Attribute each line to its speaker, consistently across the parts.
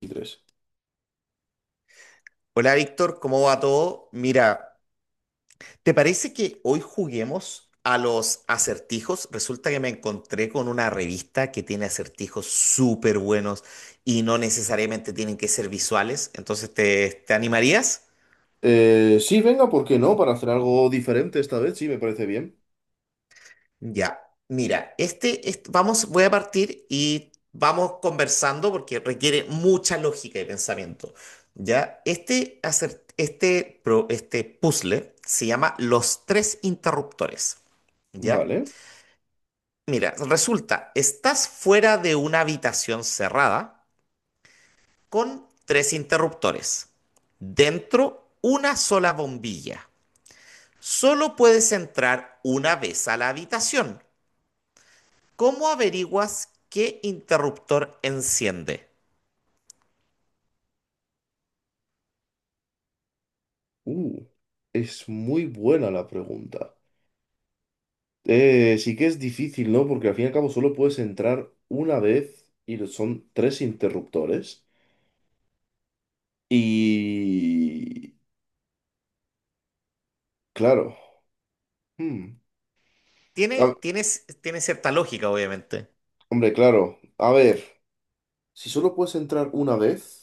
Speaker 1: 23.
Speaker 2: Hola Víctor, ¿cómo va todo? Mira, ¿te parece que hoy juguemos a los acertijos? Resulta que me encontré con una revista que tiene acertijos súper buenos y no necesariamente tienen que ser visuales, entonces ¿te animarías?
Speaker 1: Sí, venga, ¿por qué no? Para hacer algo diferente esta vez, sí, me parece bien.
Speaker 2: Ya, mira, vamos, voy a partir y vamos conversando porque requiere mucha lógica y pensamiento. Ya, este puzzle se llama Los tres interruptores. ¿Ya?
Speaker 1: Vale.
Speaker 2: Mira, resulta, estás fuera de una habitación cerrada con tres interruptores. Dentro, una sola bombilla. Solo puedes entrar una vez a la habitación. ¿Cómo averiguas qué interruptor enciende?
Speaker 1: Uh, es muy buena la pregunta. Sí que es difícil, ¿no? Porque al fin y al cabo solo puedes entrar una vez y son tres interruptores. Y... Claro. Hmm.
Speaker 2: Tiene,
Speaker 1: A-
Speaker 2: tiene c- tiene cierta lógica, obviamente.
Speaker 1: Hombre, claro. A ver, si solo puedes entrar una vez...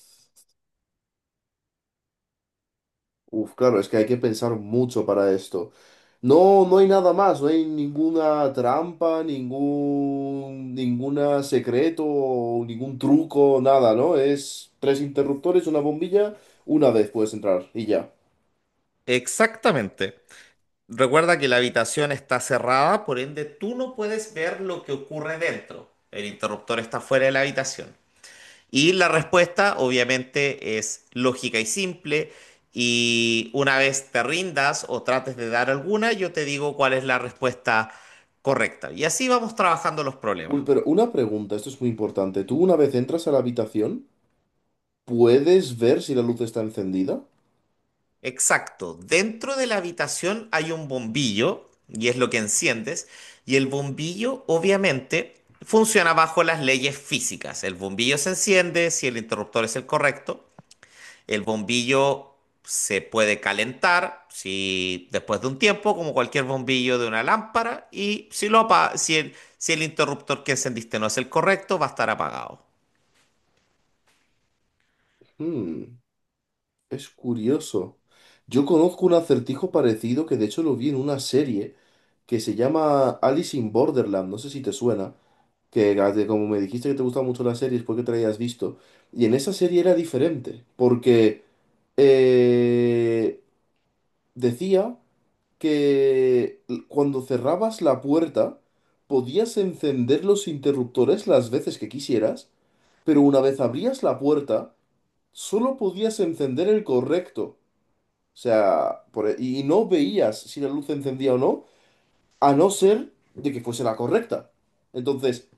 Speaker 1: Uf, claro, es que hay que pensar mucho para esto. No, no hay nada más, no hay ninguna trampa, ninguna secreto, ningún truco, nada, ¿no? Es tres interruptores, una bombilla, una vez puedes entrar y ya.
Speaker 2: Exactamente. Recuerda que la habitación está cerrada, por ende tú no puedes ver lo que ocurre dentro. El interruptor está fuera de la habitación. Y la respuesta obviamente es lógica y simple. Y una vez te rindas o trates de dar alguna, yo te digo cuál es la respuesta correcta. Y así vamos trabajando los problemas.
Speaker 1: Pero una pregunta, esto es muy importante. ¿Tú una vez entras a la habitación, puedes ver si la luz está encendida?
Speaker 2: Exacto. Dentro de la habitación hay un bombillo y es lo que enciendes. Y el bombillo obviamente funciona bajo las leyes físicas. El bombillo se enciende si el interruptor es el correcto. El bombillo se puede calentar si después de un tiempo, como cualquier bombillo de una lámpara, y si lo apa- si el, si el interruptor que encendiste no es el correcto, va a estar apagado.
Speaker 1: Hmm. Es curioso. Yo conozco un acertijo parecido que de hecho lo vi en una serie que se llama Alice in Borderland, no sé si te suena, que como me dijiste que te gustan mucho las series porque te la hayas visto, y en esa serie era diferente, porque eh, decía que cuando cerrabas la puerta podías encender los interruptores las veces que quisieras, pero una vez abrías la puerta solo podías encender el correcto. O sea, y no veías si la luz se encendía o no, a no ser de que fuese la correcta. Entonces,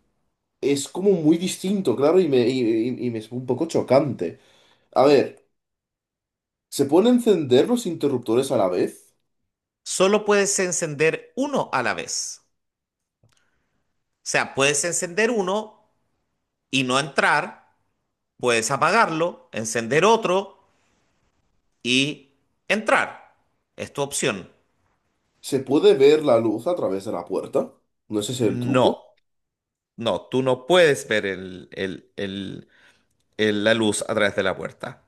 Speaker 1: es como muy distinto, claro, y me es un poco chocante. A ver, ¿se pueden encender los interruptores a la vez?
Speaker 2: Solo puedes encender uno a la vez. O sea, puedes encender uno y no entrar, puedes apagarlo, encender otro y entrar. Es tu opción.
Speaker 1: ¿Se puede ver la luz a través de la puerta? ¿No es ese el truco?
Speaker 2: No, no, tú no puedes ver la luz a través de la puerta.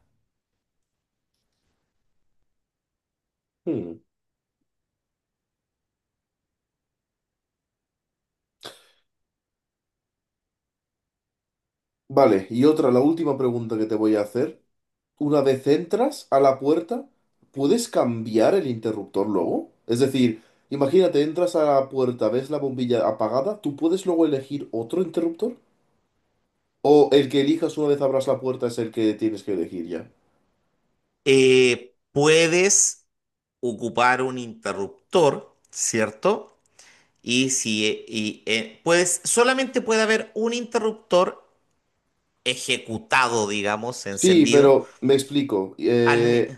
Speaker 1: Hmm. Vale, y otra, la última pregunta que te voy a hacer. Una vez entras a la puerta, ¿puedes cambiar el interruptor luego? Es decir, imagínate, entras a la puerta, ves la bombilla apagada, ¿tú puedes luego elegir otro interruptor? ¿O el que elijas una vez abras la puerta es el que tienes que elegir ya?
Speaker 2: Puedes ocupar un interruptor, ¿cierto? Y si y, puedes, solamente puede haber un interruptor ejecutado, digamos,
Speaker 1: Sí,
Speaker 2: encendido.
Speaker 1: pero me explico.
Speaker 2: al mi-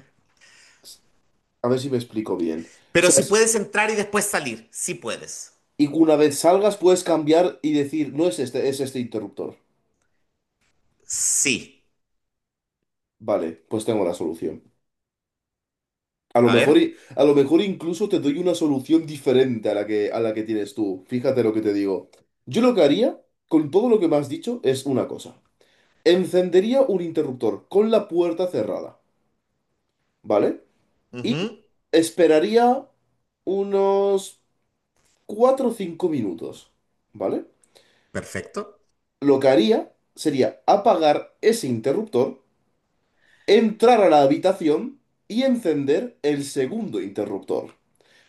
Speaker 1: A ver si me explico bien. O
Speaker 2: Pero
Speaker 1: sea,
Speaker 2: si puedes entrar y después salir, sí puedes.
Speaker 1: y una vez salgas puedes cambiar y decir, no es este, es este interruptor.
Speaker 2: Sí.
Speaker 1: Vale, pues tengo la solución. A lo
Speaker 2: A
Speaker 1: mejor,
Speaker 2: ver.
Speaker 1: a lo mejor incluso te doy una solución diferente a la que tienes tú. Fíjate lo que te digo. Yo lo que haría, con todo lo que me has dicho, es una cosa. Encendería un interruptor con la puerta cerrada, ¿vale? Y
Speaker 2: Ujú.
Speaker 1: esperaría unos 4 o 5 minutos, ¿vale?
Speaker 2: Perfecto.
Speaker 1: Lo que haría sería apagar ese interruptor, entrar a la habitación y encender el segundo interruptor.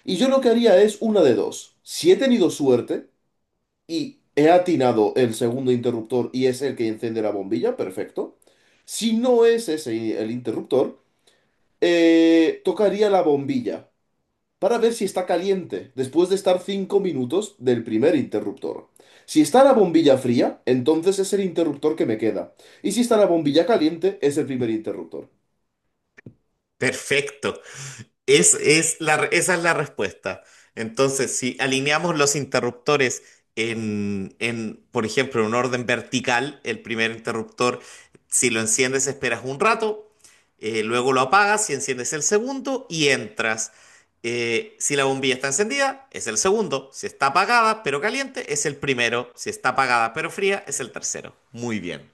Speaker 1: Y yo lo que haría es una de dos. Si he tenido suerte y he atinado el segundo interruptor y es el que enciende la bombilla, perfecto. Si no es ese el interruptor, tocaría la bombilla para ver si está caliente después de estar 5 minutos del primer interruptor. Si está la bombilla fría, entonces es el interruptor que me queda. Y si está la bombilla caliente, es el primer interruptor.
Speaker 2: Perfecto. Esa es la respuesta. Entonces, si alineamos los interruptores por ejemplo, en un orden vertical, el primer interruptor, si lo enciendes, esperas un rato, luego lo apagas y enciendes el segundo y entras. Si la bombilla está encendida, es el segundo. Si está apagada pero caliente, es el primero. Si está apagada pero fría, es el tercero. Muy bien,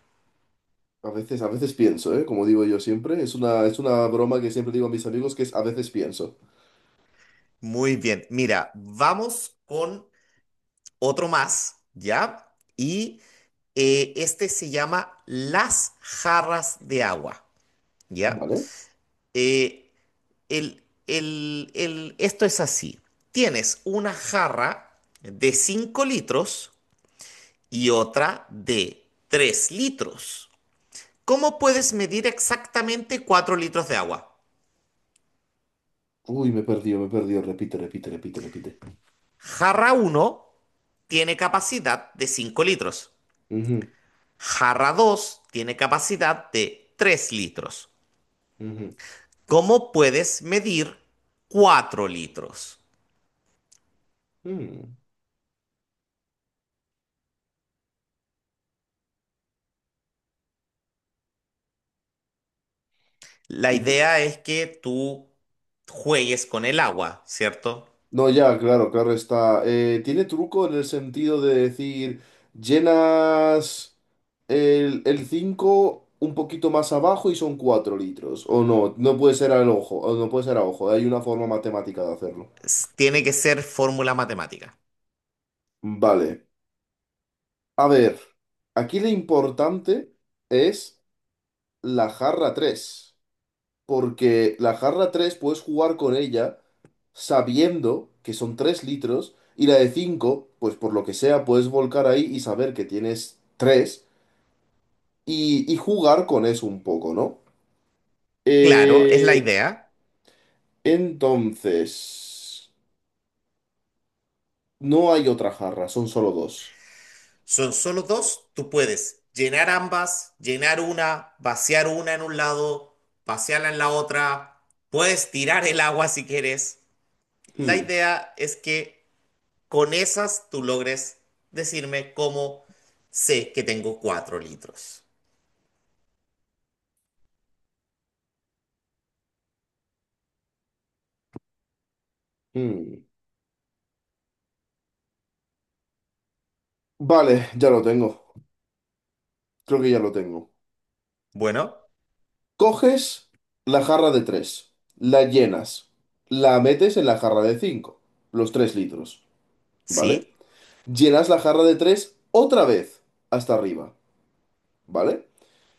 Speaker 1: A veces pienso, ¿eh? Como digo yo siempre, es una broma que siempre digo a mis amigos que es a veces pienso.
Speaker 2: muy bien. Mira, vamos con otro más, ¿ya? Y este se llama Las jarras de agua, ¿ya?
Speaker 1: ¿Vale?
Speaker 2: Eh, esto es así. Tienes una jarra de 5 litros y otra de 3 litros. ¿Cómo puedes medir exactamente 4 litros de agua?
Speaker 1: Uy, me perdió, me perdió. Repite, repite, repite, repite.
Speaker 2: Jarra uno tiene capacidad de 5 litros.
Speaker 1: Ujú,
Speaker 2: Jarra 2 tiene capacidad de 3 litros.
Speaker 1: ujú,
Speaker 2: ¿Cómo puedes medir 4 litros?
Speaker 1: mm.
Speaker 2: La
Speaker 1: Uh,
Speaker 2: idea es que tú juegues con el agua, ¿cierto?
Speaker 1: No, ya, claro, claro está. Tiene truco en el sentido de decir, llenas el 5 un poquito más abajo y son 4 litros. O no, no puede ser al ojo, o no puede ser a ojo. Hay una forma matemática de hacerlo.
Speaker 2: Tiene que ser fórmula matemática.
Speaker 1: Vale. A ver, aquí lo importante es la jarra tres. Porque la jarra 3 puedes jugar con ella sabiendo que son 3 litros y la de 5 pues por lo que sea, puedes volcar ahí y saber que tienes 3 y jugar con eso un poco, ¿no?
Speaker 2: Claro, es la
Speaker 1: Eh,
Speaker 2: idea.
Speaker 1: entonces, no hay otra jarra, son solo dos.
Speaker 2: Son solo dos. Tú puedes llenar ambas, llenar una, vaciar una en un lado, vaciarla en la otra. Puedes tirar el agua si quieres. La
Speaker 1: Hmm,
Speaker 2: idea es que con esas tú logres decirme cómo sé que tengo 4 litros.
Speaker 1: hmm. Vale, ya lo tengo. Creo que ya lo tengo.
Speaker 2: Bueno,
Speaker 1: Coges la jarra de tres, la llenas, la metes en la jarra de 5 los 3 litros, ¿vale?
Speaker 2: sí,
Speaker 1: Llenas la jarra de 3 otra vez hasta arriba, ¿vale?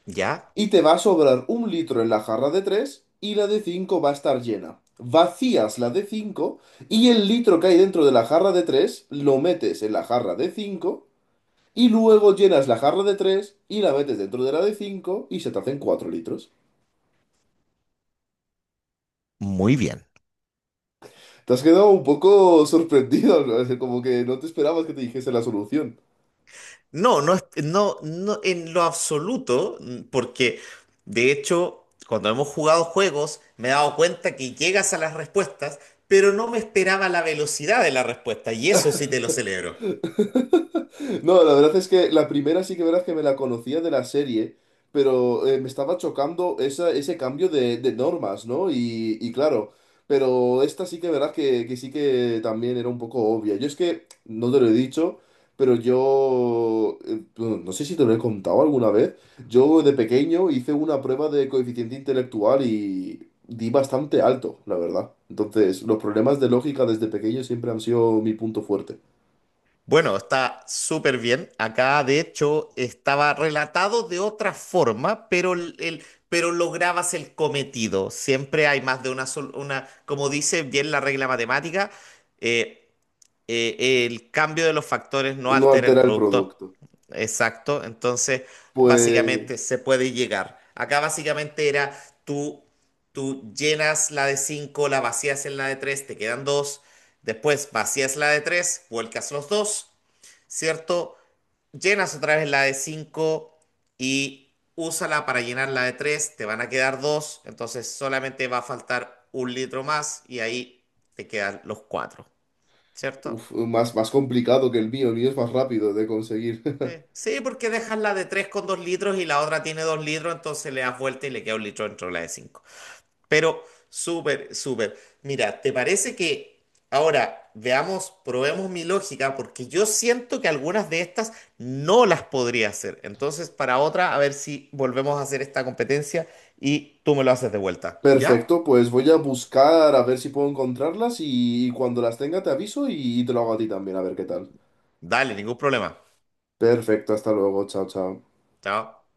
Speaker 2: ya,
Speaker 1: Y te va a sobrar un litro en la jarra de 3 y la de 5 va a estar llena. Vacías la de 5 y el litro que hay dentro de la jarra de 3 lo metes en la jarra de 5 y luego llenas la jarra de 3 y la metes dentro de la de 5 y se te hacen 4 litros.
Speaker 2: muy bien.
Speaker 1: Te has quedado un poco sorprendido, ¿no? Como que no te esperabas que te dijese la solución.
Speaker 2: No, no, no, no en lo absoluto, porque de hecho, cuando hemos jugado juegos, me he dado cuenta que llegas a las respuestas, pero no me esperaba la velocidad de la respuesta, y eso sí te lo celebro.
Speaker 1: No, la verdad es que la primera sí que verdad que me la conocía de la serie, pero me estaba chocando esa, ese cambio de normas, ¿no? Y claro, pero esta sí que verdad que sí que también era un poco obvia. Yo es que, no te lo he dicho, pero yo, bueno, no sé si te lo he contado alguna vez, yo de pequeño hice una prueba de coeficiente intelectual y di bastante alto, la verdad. Entonces, los problemas de lógica desde pequeño siempre han sido mi punto fuerte.
Speaker 2: Bueno, está súper bien. Acá, de hecho, estaba relatado de otra forma, pero, pero lograbas el cometido. Siempre hay más de una, como dice bien la regla matemática, eh, el cambio de los factores no
Speaker 1: No
Speaker 2: altera el
Speaker 1: altera el
Speaker 2: producto.
Speaker 1: producto.
Speaker 2: Exacto. Entonces, básicamente
Speaker 1: Pues
Speaker 2: se puede llegar. Acá básicamente era tú, tú llenas la de cinco, la vacías en la de tres, te quedan dos. Después vacías la de tres, vuelcas los dos, ¿cierto? Llenas otra vez la de 5 y úsala para llenar la de tres, te van a quedar dos. Entonces solamente va a faltar 1 litro más y ahí te quedan los cuatro, ¿cierto?
Speaker 1: uf, más, más complicado que el mío es más rápido de conseguir.
Speaker 2: Sí, sí, porque dejas la de 3 con 2 litros y la otra tiene 2 litros, entonces le das vuelta y le queda 1 litro dentro de la de 5. Pero súper, súper. Mira, ¿te parece que ahora veamos, probemos mi lógica? Porque yo siento que algunas de estas no las podría hacer. Entonces, para otra, a ver si volvemos a hacer esta competencia y tú me lo haces de vuelta. ¿Ya?
Speaker 1: Perfecto, pues voy a buscar a ver si puedo encontrarlas y, cuando las tenga te aviso y te lo hago a ti también, a ver qué tal.
Speaker 2: Dale, ningún problema.
Speaker 1: Perfecto, hasta luego, chao, chao.
Speaker 2: Chao.